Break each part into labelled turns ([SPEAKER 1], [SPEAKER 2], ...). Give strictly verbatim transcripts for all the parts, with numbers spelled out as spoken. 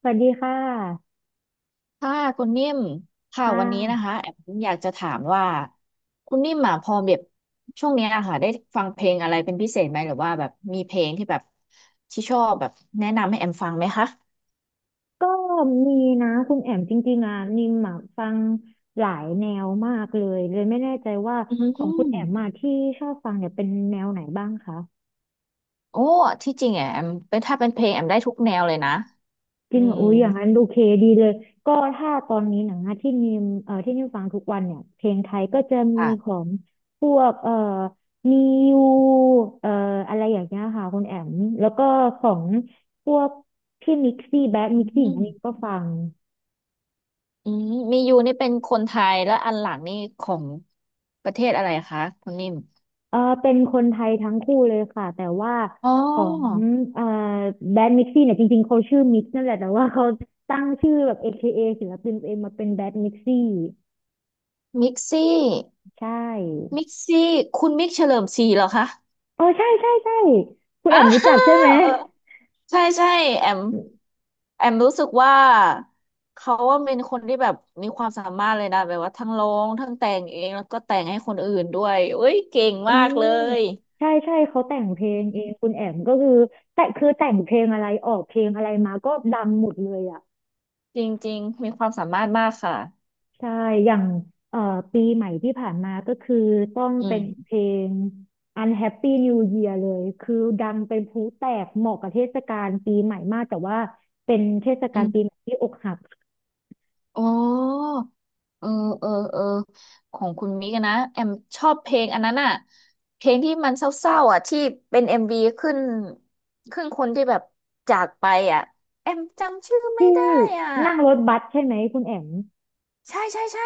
[SPEAKER 1] สวัสดีค่ะ
[SPEAKER 2] ค่ะคุณนิ่มค่ะ
[SPEAKER 1] ค่
[SPEAKER 2] วันนี้นะ
[SPEAKER 1] ะ
[SPEAKER 2] คะแอมอยากจะถามว่าคุณนิ่มอ่ะพอแบบช่วงเนี้ยอะค่ะได้ฟังเพลงอะไรเป็นพิเศษไหมหรือว่าแบบมีเพลงที่แบบที่ชอบแบบแนะนำให้แอมฟังไหมคะ
[SPEAKER 1] ก็มีนะคุณแอมจริงๆอ่ะนิมอะฟังหลายแนวมากเลยเลยไม่แน่ใจว่า
[SPEAKER 2] อืม
[SPEAKER 1] ของคุณแอมมาที่ชอบฟังเนี่ยเป็นแนวไหนบ้างคะ
[SPEAKER 2] โอ้ที่จริงอ่ะแอมเป็นถ้าเป็นเพลงแอมได้ทุกแนวเลยนะ
[SPEAKER 1] จ
[SPEAKER 2] อื
[SPEAKER 1] ริงเหรอ
[SPEAKER 2] ม
[SPEAKER 1] อุ้ยอย่างนั้นโอเคดีเลยก็ถ้าตอนนี้หนังอะที่นิมเอ่อที่นิมฟังทุกวันเนี่ยเพลงไทยก็จะมีข
[SPEAKER 2] ค่ะ
[SPEAKER 1] องพวกเอ่อมิวเอ่ออะไรอย่างเงี้ยค่ะคุณแอมแล้วก็ของพวกพี่มิกซี่แบ็ค
[SPEAKER 2] อื
[SPEAKER 1] มิกซี่อย่าง
[SPEAKER 2] ม
[SPEAKER 1] นี้ก็ฟัง
[SPEAKER 2] อืมมียูนี่เป็นคนไทยแล้วอันหลังนี่ของประเทศอะไรคะคุณนิ่ม
[SPEAKER 1] เออเป็นคนไทยทั้งคู่เลยค่ะแต่ว่า
[SPEAKER 2] อ๋
[SPEAKER 1] ของ
[SPEAKER 2] อ
[SPEAKER 1] เอ่อแบรนด์มิกซี่เนี่ยจริงๆเขาชื่อมิกนั่นแหละแต่ว่าเขาตั้งชื่อแบบ เอ เค เอ ศิลปินตัวเองมาเป็นแบรนด์มิกซี่
[SPEAKER 2] มิกซี่
[SPEAKER 1] ใช่
[SPEAKER 2] มิกซี่คุณมิกเฉลิมศรีเหรอคะ
[SPEAKER 1] เออใช่ใช่ใช่คุ ณ
[SPEAKER 2] อ่า
[SPEAKER 1] แอมรู้
[SPEAKER 2] เอ
[SPEAKER 1] จักใช่ไหม
[SPEAKER 2] อใช่ใช่แอมแอมรู้สึกว่าเขาว่าเป็นคนที่แบบมีความสามารถเลยนะแบบว่าทั้งร้องทั้งแต่งเองแล้วก็แต่งให้คนอื่นด้วยเอ้ยเก่ง
[SPEAKER 1] อื
[SPEAKER 2] มากเล
[SPEAKER 1] ม
[SPEAKER 2] ย
[SPEAKER 1] ใช่ใช่เขาแต่งเพลงเองคุณแอมก็คือแต่คือแต่งเพลงอะไรออกเพลงอะไรมาก็ดังหมดเลยอ่ะ
[SPEAKER 2] จริงจริงๆมีความสามารถมากค่ะ
[SPEAKER 1] ใช่ อย่างเอ่อปีใหม่ที่ผ่านมาก็คือต้อง
[SPEAKER 2] อื
[SPEAKER 1] เป็
[SPEAKER 2] ม
[SPEAKER 1] นเพลง Unhappy New Year เลย คือดังเป็นพลุแตกเหมาะกับเทศกาลปีใหม่มาก แต่ว่าเป็นเทศ
[SPEAKER 2] อื
[SPEAKER 1] กาล
[SPEAKER 2] ม
[SPEAKER 1] ปีใหม่ที่อกหัก
[SPEAKER 2] โอ้ เออเออเออของคุณมิกอะนะแอมชอบเพลงอันนั้นอะเพลงที่มันเศร้าๆอะที่เป็นเอ็มวีขึ้นขึ้นคนที่แบบจากไปอะแอมจำชื่อไม่
[SPEAKER 1] ที่
[SPEAKER 2] ได้อ่ะ
[SPEAKER 1] นั่งรถบัสใช่ไหมคุณแอม
[SPEAKER 2] ใช่ใช่ใช่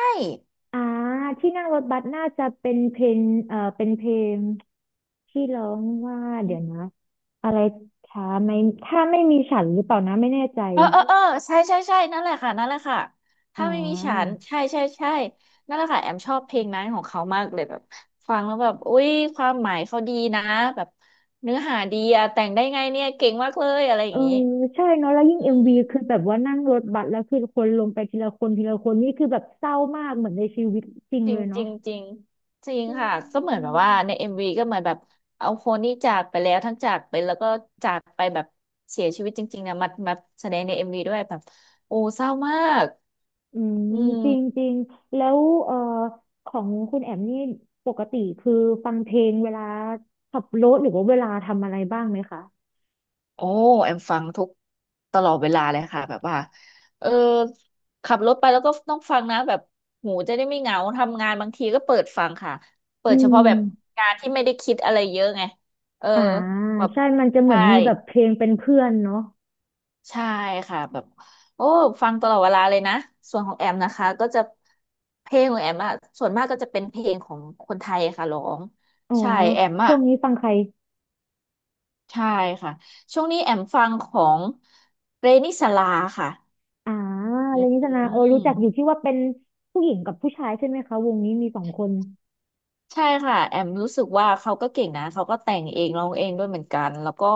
[SPEAKER 1] อ่าที่นั่งรถบัสน่าจะเป็นเพลงเอ่อเป็นเพลงที่ร้องว่า เดี๋ยวนะ อะไรถ้าไม่ถ้าไม่มีฉันหรือเปล่านะไม่แน่ใจ
[SPEAKER 2] เออเออเออใช่ใช่ใช่นั่นแหละค่ะนั่นแหละค่ะ
[SPEAKER 1] อ่
[SPEAKER 2] ถ้าไม่มีฉัน
[SPEAKER 1] า
[SPEAKER 2] ใช่ใช่ใช่นั่นแหละค่ะแอมชอบเพลงนั้นของเขามากเลยแบบฟังแล้วแบบอุ้ยความหมายเขาดีนะแบบเนื้อหาดีอะแต่งได้ไงเนี่ยเก่งมากเลยอะไรอ
[SPEAKER 1] เอ
[SPEAKER 2] ย่า
[SPEAKER 1] อ
[SPEAKER 2] งนี้
[SPEAKER 1] ใช่เนาะแล้วยิ่ง
[SPEAKER 2] อื
[SPEAKER 1] เอ็มวีคือ
[SPEAKER 2] ม
[SPEAKER 1] แบบว่านั่งรถบัสแล้วคือคนลงไปทีละคนทีละคนนี่คือแบบเศร้ามากเหมือนในชีวิตจริง
[SPEAKER 2] จริ
[SPEAKER 1] เล
[SPEAKER 2] ง
[SPEAKER 1] ย
[SPEAKER 2] จ
[SPEAKER 1] เนาะ
[SPEAKER 2] ริงจริงจริง
[SPEAKER 1] อ
[SPEAKER 2] ค่ะก็เหมือ
[SPEAKER 1] ื
[SPEAKER 2] นแบ
[SPEAKER 1] ม
[SPEAKER 2] บว่าในเอ็มวีก็เหมือนแบบเอาคนที่จากไปแล้วทั้งจากไปแล้วก็จากไปแบบเสียชีวิตจริงๆนะมามาแสดงในเอ็มวีด้วยแบบโอ้เศร้ามาก
[SPEAKER 1] อืม
[SPEAKER 2] อื
[SPEAKER 1] จริง
[SPEAKER 2] ม
[SPEAKER 1] จริงแล้วเอ่อของคุณแอมนี่ปกติคือฟังเพลงเวลาขับรถหรือว่าเวลาทำอะไรบ้างไหมคะ
[SPEAKER 2] โอ้แอมฟังทุกตลอดเวลาเลยค่ะแบบว่าเออขับรถไปแล้วก็ต้องฟังนะแบบหูจะได้ไม่เหงาทำงานบางทีก็เปิดฟังค่ะเปิ
[SPEAKER 1] อื
[SPEAKER 2] ดเฉพาะแบบ
[SPEAKER 1] ม
[SPEAKER 2] งานที่ไม่ได้คิดอะไรเยอะไงเออ
[SPEAKER 1] อ่า
[SPEAKER 2] แบบ
[SPEAKER 1] ใช่มันจะเหมื
[SPEAKER 2] ใช่
[SPEAKER 1] อนมีแบบเพลงเป็นเพื่อนเนาะ
[SPEAKER 2] ใช่ค่ะแบบโอ้ฟังตลอดเวลาเลยนะส่วนของแอมนะคะก็จะเพลงของแอมอะส่วนมากก็จะเป็นเพลงของคนไทยค่ะร้อง
[SPEAKER 1] อ๋อ
[SPEAKER 2] ใช่แอม
[SPEAKER 1] ช่
[SPEAKER 2] อะ
[SPEAKER 1] วงนี้ฟังใคร
[SPEAKER 2] ใช่ค่ะช่วงนี้แอมฟังของเรนิสลาค่ะ
[SPEAKER 1] อ่า
[SPEAKER 2] อื
[SPEAKER 1] เรนนิสนาเออรู้
[SPEAKER 2] ม
[SPEAKER 1] จักอยู่ที่ว่าเป็นผู้หญิงกับผู้ชายใช่ไหมคะวงนี้มีสองคน
[SPEAKER 2] ใช่ค่ะแอมรู้สึกว่าเขาก็เก่งนะเขาก็แต่งเองร้องเองด้วยเหมือนกันแล้วก็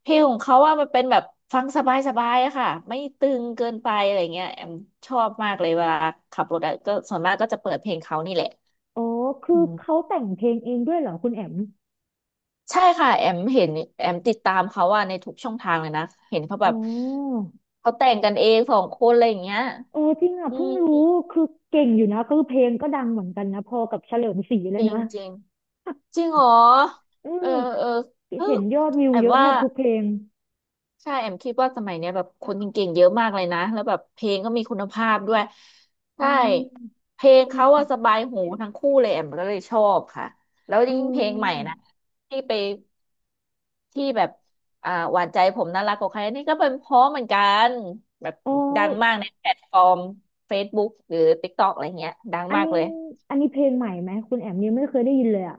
[SPEAKER 2] เพลงของเขาว่ามันเป็นแบบฟังสบายๆอะค่ะไม่ตึงเกินไปอะไรเงี้ยแอมชอบมากเลยเวลาขับรถอะก็ส่วนมากก็จะเปิดเพลงเขานี่แหละ
[SPEAKER 1] อ๋อคื
[SPEAKER 2] อื
[SPEAKER 1] อ
[SPEAKER 2] ม
[SPEAKER 1] เขาแต่งเพลงเองด้วยเหรอคุณแอม
[SPEAKER 2] ใช่ค่ะแอมเห็นแอมติดตามเขาว่าในทุกช่องทางเลยนะเห็นเขาแบ
[SPEAKER 1] อ๋
[SPEAKER 2] บ
[SPEAKER 1] อ
[SPEAKER 2] เขาแต่งกันเองสองคนอะไรอย่างเงี้ย
[SPEAKER 1] เออจริงอ่ะ
[SPEAKER 2] อื
[SPEAKER 1] เพิ่ง
[SPEAKER 2] ม
[SPEAKER 1] รู้คือเก่งอยู่นะคือเพลงก็ดังเหมือนกันนะพอกับเฉลิมศรีเล
[SPEAKER 2] จ
[SPEAKER 1] ย
[SPEAKER 2] ริ
[SPEAKER 1] นะ
[SPEAKER 2] งจริงจริงเหรอ
[SPEAKER 1] อื
[SPEAKER 2] เออ
[SPEAKER 1] ม
[SPEAKER 2] เออเออ
[SPEAKER 1] เห็นยอดวิว
[SPEAKER 2] แอม
[SPEAKER 1] เยอะแท
[SPEAKER 2] ว่า
[SPEAKER 1] บทุกเพลง
[SPEAKER 2] ใช่แอมคิดว่าสมัยเนี้ยแบบคนเก่งๆเยอะมากเลยนะแล้วแบบเพลงก็มีคุณภาพด้วย
[SPEAKER 1] อื
[SPEAKER 2] ใช่
[SPEAKER 1] ม
[SPEAKER 2] เพล
[SPEAKER 1] จ
[SPEAKER 2] ง
[SPEAKER 1] ริ
[SPEAKER 2] เขา
[SPEAKER 1] ง
[SPEAKER 2] อะสบายหูทั้งคู่เลยแอมก็เลยชอบค่ะแล้ว
[SPEAKER 1] เ
[SPEAKER 2] ยิ่งเพลงใหม่
[SPEAKER 1] ออ
[SPEAKER 2] นะที่ไป ที่แบบอ่าหวานใจผมน่ารักกว่าใครนี่ก็เป็นเพราะเหมือนกันแบบ
[SPEAKER 1] อ๋อ
[SPEAKER 2] ดังมากในแพลตฟอร์ม Facebook หรือ TikTok อะไรเงี้ยดัง
[SPEAKER 1] อัน
[SPEAKER 2] มากเล
[SPEAKER 1] นี้
[SPEAKER 2] ย
[SPEAKER 1] อันนี้เพลงใหม่ไหมคุณแอมยังไม่เคยได้ยินเลยอ่ะ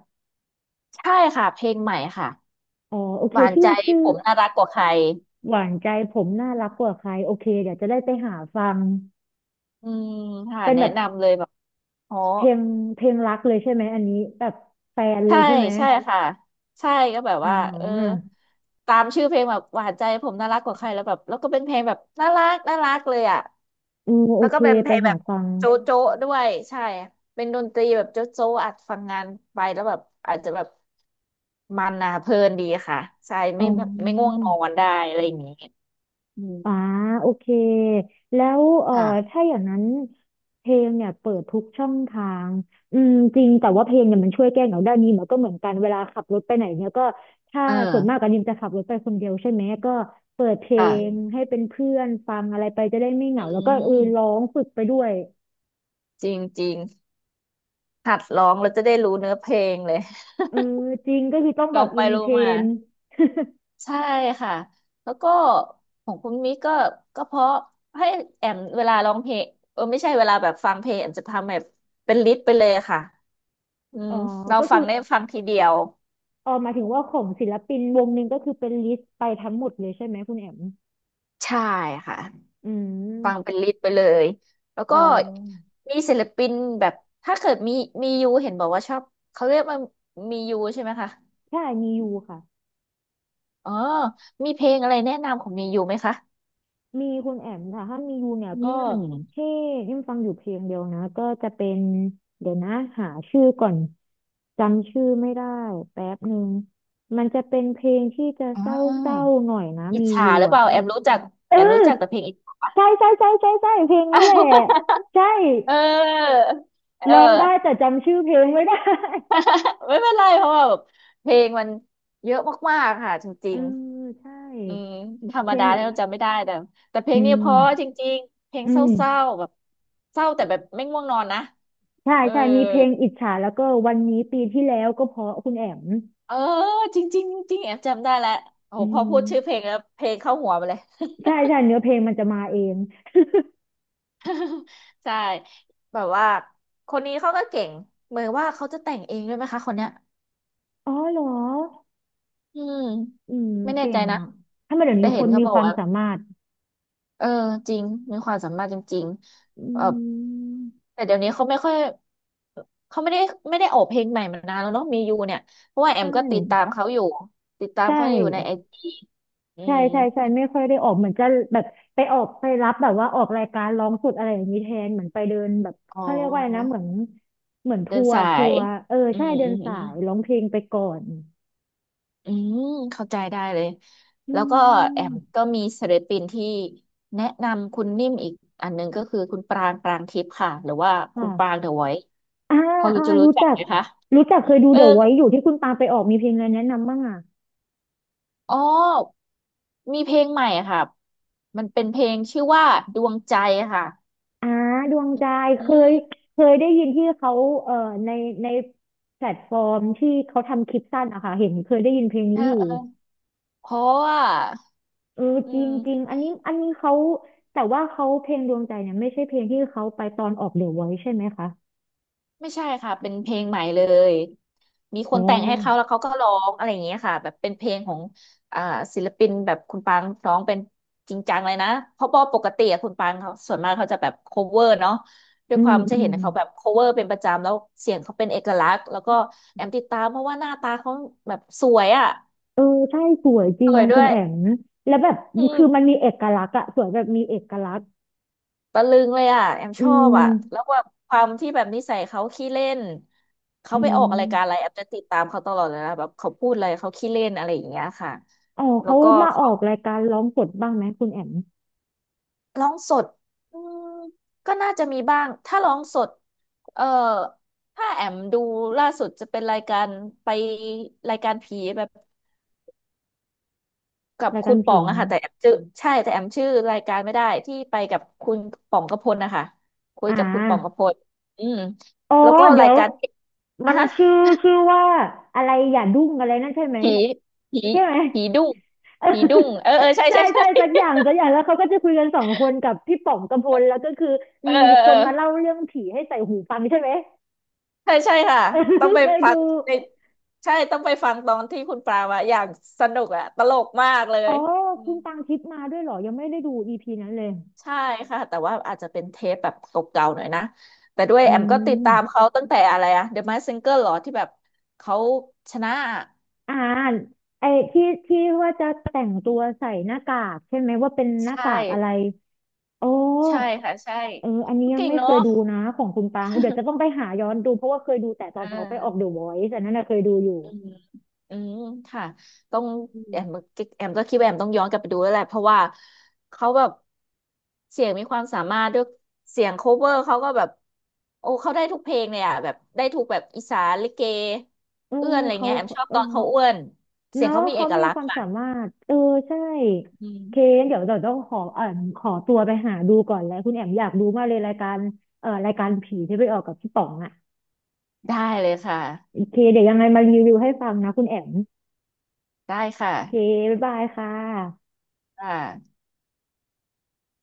[SPEAKER 2] ใช่ค่ะเพลงใหม่ค่ะ
[SPEAKER 1] อ๋อโอเค
[SPEAKER 2] หวาน
[SPEAKER 1] ชื่อ
[SPEAKER 2] ใจ
[SPEAKER 1] ชื่อ
[SPEAKER 2] ผมน่ารักกว่าใคร
[SPEAKER 1] หวานใจผมน่ารักกว่าใครโอเคเดี๋ยวจะได้ไปหาฟัง
[SPEAKER 2] อืมค่ะ
[SPEAKER 1] เป็น
[SPEAKER 2] แนะ
[SPEAKER 1] แบบ
[SPEAKER 2] นำเลยแบบอ๋อ
[SPEAKER 1] เพลงเพลงรักเลยใช่ไหมอันนี้แบบแฟนเล
[SPEAKER 2] ใช่
[SPEAKER 1] ยใช่ไหม
[SPEAKER 2] ใช่ค่ะใช่ก็แบบ
[SPEAKER 1] อ่
[SPEAKER 2] ว่าเออ
[SPEAKER 1] า
[SPEAKER 2] ตามชื่อเพลงแบบหวานใจผมน่ารักกว่าใครแล้วแบบแล้วก็เป็นเพลงแบบน่ารักน่ารักเลยอ่ะ
[SPEAKER 1] อือโอ
[SPEAKER 2] แล้ว
[SPEAKER 1] เค
[SPEAKER 2] ก็เป็นเพ
[SPEAKER 1] ไป
[SPEAKER 2] ลงแบ
[SPEAKER 1] หา
[SPEAKER 2] บ
[SPEAKER 1] ฟัง
[SPEAKER 2] โจ๊ะโจ๊ะด้วยใช่เป็นดนตรีแบบโจ๊ะโจ๊ะอัดฟังงานไปแล้วแบบอาจจะแบบมันนะเพลินดีค่ะใช่
[SPEAKER 1] อ๋อ
[SPEAKER 2] ไม่ไม่ง่วงนอนได้อะไรอย่างนี้อืม
[SPEAKER 1] อ่าโอเคแล้วเอ่อ
[SPEAKER 2] ค่ะ
[SPEAKER 1] ถ้าอย่างนั้นเพลงเนี่ยเปิดทุกช่องทางอืมจริงแต่ว่าเพลงเนี่ยมันช่วยแก้เหงาได้นี่มันก็เหมือนกันเวลาขับรถไปไหนเนี่ยก็ถ้า
[SPEAKER 2] เอ
[SPEAKER 1] ส่วนมาก
[SPEAKER 2] อ
[SPEAKER 1] อันนี้จะขับรถไปคนเดียวใช่ไหมก็เปิดเพล
[SPEAKER 2] ค่ะ
[SPEAKER 1] งให้เป็นเพื่อนฟังอะไรไปจะได้ไม่เห
[SPEAKER 2] อื
[SPEAKER 1] งาแล้วก็เออร้อ
[SPEAKER 2] ม
[SPEAKER 1] งฝึกไปด้วย
[SPEAKER 2] จริงจริงหัดร้องแล้วจะได้รู้เนื้อเพลงเลย
[SPEAKER 1] เออจริงก็คือต้อง
[SPEAKER 2] ล
[SPEAKER 1] แบ
[SPEAKER 2] อ
[SPEAKER 1] บ
[SPEAKER 2] งไป
[SPEAKER 1] อิน
[SPEAKER 2] รู้
[SPEAKER 1] เทร
[SPEAKER 2] มา
[SPEAKER 1] น
[SPEAKER 2] ใช่ค่ะแล้วก็ของคุณมิกก็ก็เพราะให้แอมเวลาร้องเพลงเออไม่ใช่เวลาแบบฟังเพลงแอมจะทำแบบเป็นลิสต์ไปเลยค่ะ อื
[SPEAKER 1] อ๋
[SPEAKER 2] ม
[SPEAKER 1] อ
[SPEAKER 2] เรา
[SPEAKER 1] ก็
[SPEAKER 2] ฟั
[SPEAKER 1] คือ
[SPEAKER 2] งได้ฟังทีเดียว
[SPEAKER 1] เออหมายถึงว่าของศิลปินวงหนึ่งก็คือเป็นลิสต์ไปทั้งหมดเลยใช่ไหมคุณแอม
[SPEAKER 2] ใช่ค่ะ
[SPEAKER 1] อื
[SPEAKER 2] ฟังเป็
[SPEAKER 1] ม
[SPEAKER 2] นลิสต์ไปเลยแล้ว
[SPEAKER 1] อ๋
[SPEAKER 2] ก็
[SPEAKER 1] อ
[SPEAKER 2] มีศิลปินแบบถ้าเกิดมีมียูเห็นบอกว่าชอบเขาเรียกว่ามียูใช่ไหมคะ
[SPEAKER 1] ใช่มียูค่ะ
[SPEAKER 2] อ๋อมีเพลงอะไรแนะนำของมียูไหมคะ
[SPEAKER 1] มีคุณแอมค่ะถ้ามียูเนี่ย
[SPEAKER 2] อื
[SPEAKER 1] ก็
[SPEAKER 2] ม
[SPEAKER 1] ที่ยังฟังอยู่เพลงเดียวนะก็จะเป็นเดี๋ยวนะหาชื่อก่อนจำชื่อไม่ได้แป๊บหนึ่งมันจะเป็นเพลงที่จะ
[SPEAKER 2] อ่
[SPEAKER 1] เศร้า
[SPEAKER 2] า
[SPEAKER 1] ๆหน่อยนะ
[SPEAKER 2] อิจ
[SPEAKER 1] มี
[SPEAKER 2] ฉา
[SPEAKER 1] ยู
[SPEAKER 2] หรือเป
[SPEAKER 1] อ่ะ
[SPEAKER 2] ล่าแอมมรู้จัก
[SPEAKER 1] เออ
[SPEAKER 2] แอมรู้จักแต่เพลงอิจฉา
[SPEAKER 1] ใช่ใช่ใช่ใช่ใช่เพลงนี้แหละ ใช่
[SPEAKER 2] เออเออ
[SPEAKER 1] ร้องได้แต่จำชื่อเพลงไม่ได้
[SPEAKER 2] ไม่เป็นไรเพราะว่าแบบเพลงมันเยอะมากๆค่ะจ
[SPEAKER 1] เอ
[SPEAKER 2] ริ
[SPEAKER 1] อ
[SPEAKER 2] ง
[SPEAKER 1] ใช่
[SPEAKER 2] อืมธรร
[SPEAKER 1] เพ
[SPEAKER 2] ม
[SPEAKER 1] ล
[SPEAKER 2] ดา
[SPEAKER 1] ง
[SPEAKER 2] เนี่ยเราจำไม่ได้แต่แต่เพล
[SPEAKER 1] อื
[SPEAKER 2] งเนี้เพ
[SPEAKER 1] ม
[SPEAKER 2] ราะจริงๆเพลง
[SPEAKER 1] อื
[SPEAKER 2] เศ
[SPEAKER 1] ม
[SPEAKER 2] ร้าๆแบบเศร้าแต่แบบไม่ง่วงนอนนะ
[SPEAKER 1] ใช่
[SPEAKER 2] เออ
[SPEAKER 1] ใช่มีเพลงอิจฉาแล้วก็วันนี้ปีที่แล้วก็เพราะคุณแอม
[SPEAKER 2] เออจริงๆจริงแอบจำได้แล้วโอ้
[SPEAKER 1] อื
[SPEAKER 2] โหพอ
[SPEAKER 1] ม
[SPEAKER 2] พูดชื่อเพลงแล้วเพลงเข้าหัวไปเลย
[SPEAKER 1] ใช่ใช่เนื้อเพลงมันจะมาเอง
[SPEAKER 2] ใช่แบบว่าคนนี้เขาก็เก่งเหมือนว่าเขาจะแต่งเองด้วยไหมคะคนเนี้ย
[SPEAKER 1] อ๋อเหรอ
[SPEAKER 2] อืม
[SPEAKER 1] อืม
[SPEAKER 2] ไม่แน่
[SPEAKER 1] เก่
[SPEAKER 2] ใจ
[SPEAKER 1] ง
[SPEAKER 2] นะ
[SPEAKER 1] อ่ะถ้ามาเดี๋ยว
[SPEAKER 2] แต่
[SPEAKER 1] นี้ค
[SPEAKER 2] เห็น
[SPEAKER 1] น
[SPEAKER 2] เขา
[SPEAKER 1] มี
[SPEAKER 2] บอ
[SPEAKER 1] ค
[SPEAKER 2] ก
[SPEAKER 1] วาม
[SPEAKER 2] ว่า
[SPEAKER 1] สามารถ
[SPEAKER 2] เออจริงมีความสามารถจริง
[SPEAKER 1] อื
[SPEAKER 2] ๆเออ
[SPEAKER 1] ม
[SPEAKER 2] แต่เดี๋ยวนี้เขาไม่ค่อยเขาไม่ได้ไม่ได้ออกเพลงใหม่มานานแล้วเนาะมียูเนี่ยเพราะว่าแอ
[SPEAKER 1] ใช่
[SPEAKER 2] มก็ติดตามเขาอยู่ติดตาม
[SPEAKER 1] ใช่
[SPEAKER 2] เขาอยู่ในไอจีอื
[SPEAKER 1] ใช่
[SPEAKER 2] ม
[SPEAKER 1] ใช่ใช่ไม่ค่อยได้ออกเหมือนจะแบบไปออกไปรับแบบว่าออกรายการร้องสดอะไรอย่างนี้แทนเหมือนไปเดินแบบ
[SPEAKER 2] อ๋อ
[SPEAKER 1] เขาเรียกว่าอะไรนะเหมือนเหมือน
[SPEAKER 2] เดิ
[SPEAKER 1] ทั
[SPEAKER 2] น
[SPEAKER 1] วร์
[SPEAKER 2] สา
[SPEAKER 1] ทั
[SPEAKER 2] ย
[SPEAKER 1] วร์เออ
[SPEAKER 2] อื
[SPEAKER 1] ใช่
[SPEAKER 2] ม
[SPEAKER 1] เดิ
[SPEAKER 2] อื
[SPEAKER 1] น
[SPEAKER 2] มอื
[SPEAKER 1] สา
[SPEAKER 2] ม
[SPEAKER 1] ยร้องเพลงไปก่อน
[SPEAKER 2] อืมเข้าใจได้เลย
[SPEAKER 1] อื
[SPEAKER 2] แล้วก็แอมก็
[SPEAKER 1] ม
[SPEAKER 2] มีศิลปินที่แนะนำคุณนิ่มอีกอันหนึงก็คือคุณปรางปรางทิพย์ค่ะหรือว่าคุ
[SPEAKER 1] ค่ะ
[SPEAKER 2] ณปรางเดอะไวท์
[SPEAKER 1] อ่า
[SPEAKER 2] พอรู้
[SPEAKER 1] อ่า
[SPEAKER 2] จะรู้
[SPEAKER 1] รู้
[SPEAKER 2] จัก
[SPEAKER 1] จัก
[SPEAKER 2] ไหมคะ
[SPEAKER 1] รู้จักเคยดู
[SPEAKER 2] เออ
[SPEAKER 1] เดี๋ยวไว้อยู่ที่คุณปาไปออกมีเพลงอะไรแนะนำบ้างอ่ะ
[SPEAKER 2] อ๋อมีเพลงใหม่อะค่ะมันเป็นเพลงชื่อว่าดวงใจค่ะ
[SPEAKER 1] อ่าดวงใจ
[SPEAKER 2] อื
[SPEAKER 1] เคย
[SPEAKER 2] ม
[SPEAKER 1] เคยได้ยินที่เขาเอ่อในในแพลตฟอร์มที่เขาทำคลิปสั้นอะค่ะเห็นเคยได้ยินเพลง
[SPEAKER 2] เอ
[SPEAKER 1] นี้
[SPEAKER 2] อ
[SPEAKER 1] อยู่
[SPEAKER 2] เออเพราะว่า
[SPEAKER 1] เออ
[SPEAKER 2] อื
[SPEAKER 1] จริง
[SPEAKER 2] ม
[SPEAKER 1] จริงอันนี้อันนี้เขา แต่ว่าเขาเพลงดวงใจเนี่ยไม่ใช่เพลงที่เขาไปตอนออกเดี๋ยวไว้ใช่ไหมคะ
[SPEAKER 2] ไม่ใช่ค่ะ เป็นเพลงใหม่เลย มีค
[SPEAKER 1] อ๋
[SPEAKER 2] นแต่งให้เขา
[SPEAKER 1] อ
[SPEAKER 2] แล้วเขาก็ร้องอะไรอย่างเงี้ยค่ะแบบเป็นเพลงของอ่าศิลปินแบบคุณปางร้องเป็นจริงจังเลยนะเพราะว่าปกติอะคุณปางเขาส่วนมากเขาจะแบบ cover เนาะด้ว
[SPEAKER 1] อื
[SPEAKER 2] ยควา
[SPEAKER 1] ม
[SPEAKER 2] มจะ
[SPEAKER 1] อื
[SPEAKER 2] เห็
[SPEAKER 1] ม
[SPEAKER 2] นเขาแบบ cover เป็นประจำแล้วเสียงเขาเป็นเอกลักษณ์แล้วก็แอมติดตามเพราะว่าหน้าตาเขาแบบสวยอ่ะ
[SPEAKER 1] เออใช่สวยจ
[SPEAKER 2] ส
[SPEAKER 1] ริง
[SPEAKER 2] วยด้
[SPEAKER 1] คุ
[SPEAKER 2] ว
[SPEAKER 1] ณ
[SPEAKER 2] ย
[SPEAKER 1] แอมแล้วแบบ
[SPEAKER 2] อื
[SPEAKER 1] คือมัน
[SPEAKER 2] ม
[SPEAKER 1] มีเอกลักษณ์อะสวยแบบมีเอกลักษณ์
[SPEAKER 2] ตะลึงเลยอ่ะแอม
[SPEAKER 1] อื
[SPEAKER 2] ชอบอ่ะ
[SPEAKER 1] ม
[SPEAKER 2] แล้วว่าความที่แบบนิสัยเขาขี้เล่นเขา
[SPEAKER 1] อื
[SPEAKER 2] ไปออกรายการอะไร
[SPEAKER 1] ม
[SPEAKER 2] แอมจะติดตามเขาตลอดเลยนะแบบเขาพูดอะไรเขาขี้เล่นอะไรอย่างเงี้ยค่ะ
[SPEAKER 1] อ๋อ
[SPEAKER 2] แล้ว
[SPEAKER 1] เขา
[SPEAKER 2] ก็
[SPEAKER 1] มาอ
[SPEAKER 2] เขา
[SPEAKER 1] อกรายการร้องสดบ้างไหมคุณแอม
[SPEAKER 2] ร้องสดอืมก็น่าจะมีบ้างถ้าร้องสดเอ่อถ้าแอมดูล่าสุดจะเป็นรายการไปรายการผีแบบ กับ
[SPEAKER 1] ราย
[SPEAKER 2] คุ
[SPEAKER 1] การ
[SPEAKER 2] ณป๋อ
[SPEAKER 1] ผี
[SPEAKER 2] งอะค่ะแต่แอมชื่อใช่แต่แอมชื่อรายการไม่ได้ที่ไปกับคุณป๋องกพลนะคะคุย
[SPEAKER 1] อ่า
[SPEAKER 2] กับคุณป๋องกพลอืม
[SPEAKER 1] อ๋อ
[SPEAKER 2] แล้วก็
[SPEAKER 1] เดี๋
[SPEAKER 2] รา
[SPEAKER 1] ย
[SPEAKER 2] ย
[SPEAKER 1] ว
[SPEAKER 2] การ
[SPEAKER 1] มั
[SPEAKER 2] อ่ะ
[SPEAKER 1] น
[SPEAKER 2] ฮะ
[SPEAKER 1] ชื่อชื่อว่าอะไรอย่าดุ้งอะไรนั่นใช่ไหม
[SPEAKER 2] ผีผี
[SPEAKER 1] ใช่ไหม
[SPEAKER 2] ผีดุ้ง
[SPEAKER 1] เออ
[SPEAKER 2] ผีดุ้ง เออเออใช่
[SPEAKER 1] ใช่
[SPEAKER 2] ใช่ใช่
[SPEAKER 1] ใช่สักอย่างสักอย่างแล้วเขาก็จะคุยกันสองคนกับพี่ป๋องกำพลแล้วก็คือ
[SPEAKER 2] เออ
[SPEAKER 1] มี
[SPEAKER 2] เออ
[SPEAKER 1] ค
[SPEAKER 2] เออ
[SPEAKER 1] นมาเล่าเรื่องผีให้ใส่หูฟังใช่ไหม
[SPEAKER 2] ใช่ใช่ค่ะ
[SPEAKER 1] เออ
[SPEAKER 2] ต้อง ไป
[SPEAKER 1] เคย
[SPEAKER 2] ฟัง
[SPEAKER 1] ดู
[SPEAKER 2] ในใช่ต้องไปฟังตอนที่คุณปรามาอย่างสนุกอะตลกมากเล
[SPEAKER 1] อ๋อ
[SPEAKER 2] ยอื
[SPEAKER 1] คุ
[SPEAKER 2] ม
[SPEAKER 1] ณตังทิพย์มาด้วยเหรอยังไม่ได้ดูอีพีนั้นเลย
[SPEAKER 2] ใช่ค่ะแต่ว่าอาจจะเป็นเทปแบบเก่าๆหน่อยนะแต่ด้วย
[SPEAKER 1] อื
[SPEAKER 2] แอมก็ติด
[SPEAKER 1] ม
[SPEAKER 2] ตามเขาตั้งแต่อะไรอะ The Masked Singer เหรอที่แบบเขาชนะ
[SPEAKER 1] อ่าไอ้ที่ที่ว่าจะแต่งตัวใส่หน้ากากใช่ไหมว่าเป็นหน้า
[SPEAKER 2] ใช่
[SPEAKER 1] กากอะไรโอ้
[SPEAKER 2] ใช่ค่ะใช่
[SPEAKER 1] เอออันนี้
[SPEAKER 2] เขา
[SPEAKER 1] ยัง
[SPEAKER 2] เก่ง
[SPEAKER 1] ไม่เค
[SPEAKER 2] เนาะ
[SPEAKER 1] ยดูนะของคุณปางเดี๋ยวจะต้องไปหาย้อนดูเพราะว่าเคยดูแต่ตอ
[SPEAKER 2] เอ
[SPEAKER 1] นเขาไปออกเด
[SPEAKER 2] อ
[SPEAKER 1] อะวอยซ์อันนั้นนะเคยดูอยู่
[SPEAKER 2] อืมอืมค่ะต้อง
[SPEAKER 1] อื
[SPEAKER 2] แอ
[SPEAKER 1] ม
[SPEAKER 2] มแอมก็คิดว่าแอมต้องย้อนกลับไปดูแล้วแหละเพราะว่าเขาแบบเสียงมีความสามารถด้วยเสียงโคเวอร์เขาก็แบบโอ้เขาได้ทุกเพลงเลยอ่ะแบบได้ทุกแบบอีสานลิเก
[SPEAKER 1] เออ
[SPEAKER 2] เอื้อนอะไร
[SPEAKER 1] เขา
[SPEAKER 2] เงี้ยแอมชอบ
[SPEAKER 1] เออ
[SPEAKER 2] ตอนเขาเอื้อนเสียง
[SPEAKER 1] เนาะ
[SPEAKER 2] เขามีเอ
[SPEAKER 1] เขา
[SPEAKER 2] ก
[SPEAKER 1] มี
[SPEAKER 2] ลัก
[SPEAKER 1] ค
[SPEAKER 2] ษณ์
[SPEAKER 1] วาม
[SPEAKER 2] ค่ะ
[SPEAKER 1] สามารถเออใช่
[SPEAKER 2] อื
[SPEAKER 1] เค
[SPEAKER 2] ม
[SPEAKER 1] นเดี๋ยวเราต้องขอเอ่อขอตัวไปหาดูก่อนแล้วคุณแอมอยากดูมากเลยรายการเอ่อรายการผีที่ไปออกกับพี่ป๋องอ่ะ
[SPEAKER 2] ได้เลยค่ะ
[SPEAKER 1] โอเคเดี๋ยวยังไงมารีวิวให้ฟังนะคุณแอม
[SPEAKER 2] ได้ค่ะ
[SPEAKER 1] โอเค บ๊ายบายค่ะ
[SPEAKER 2] ค่ะ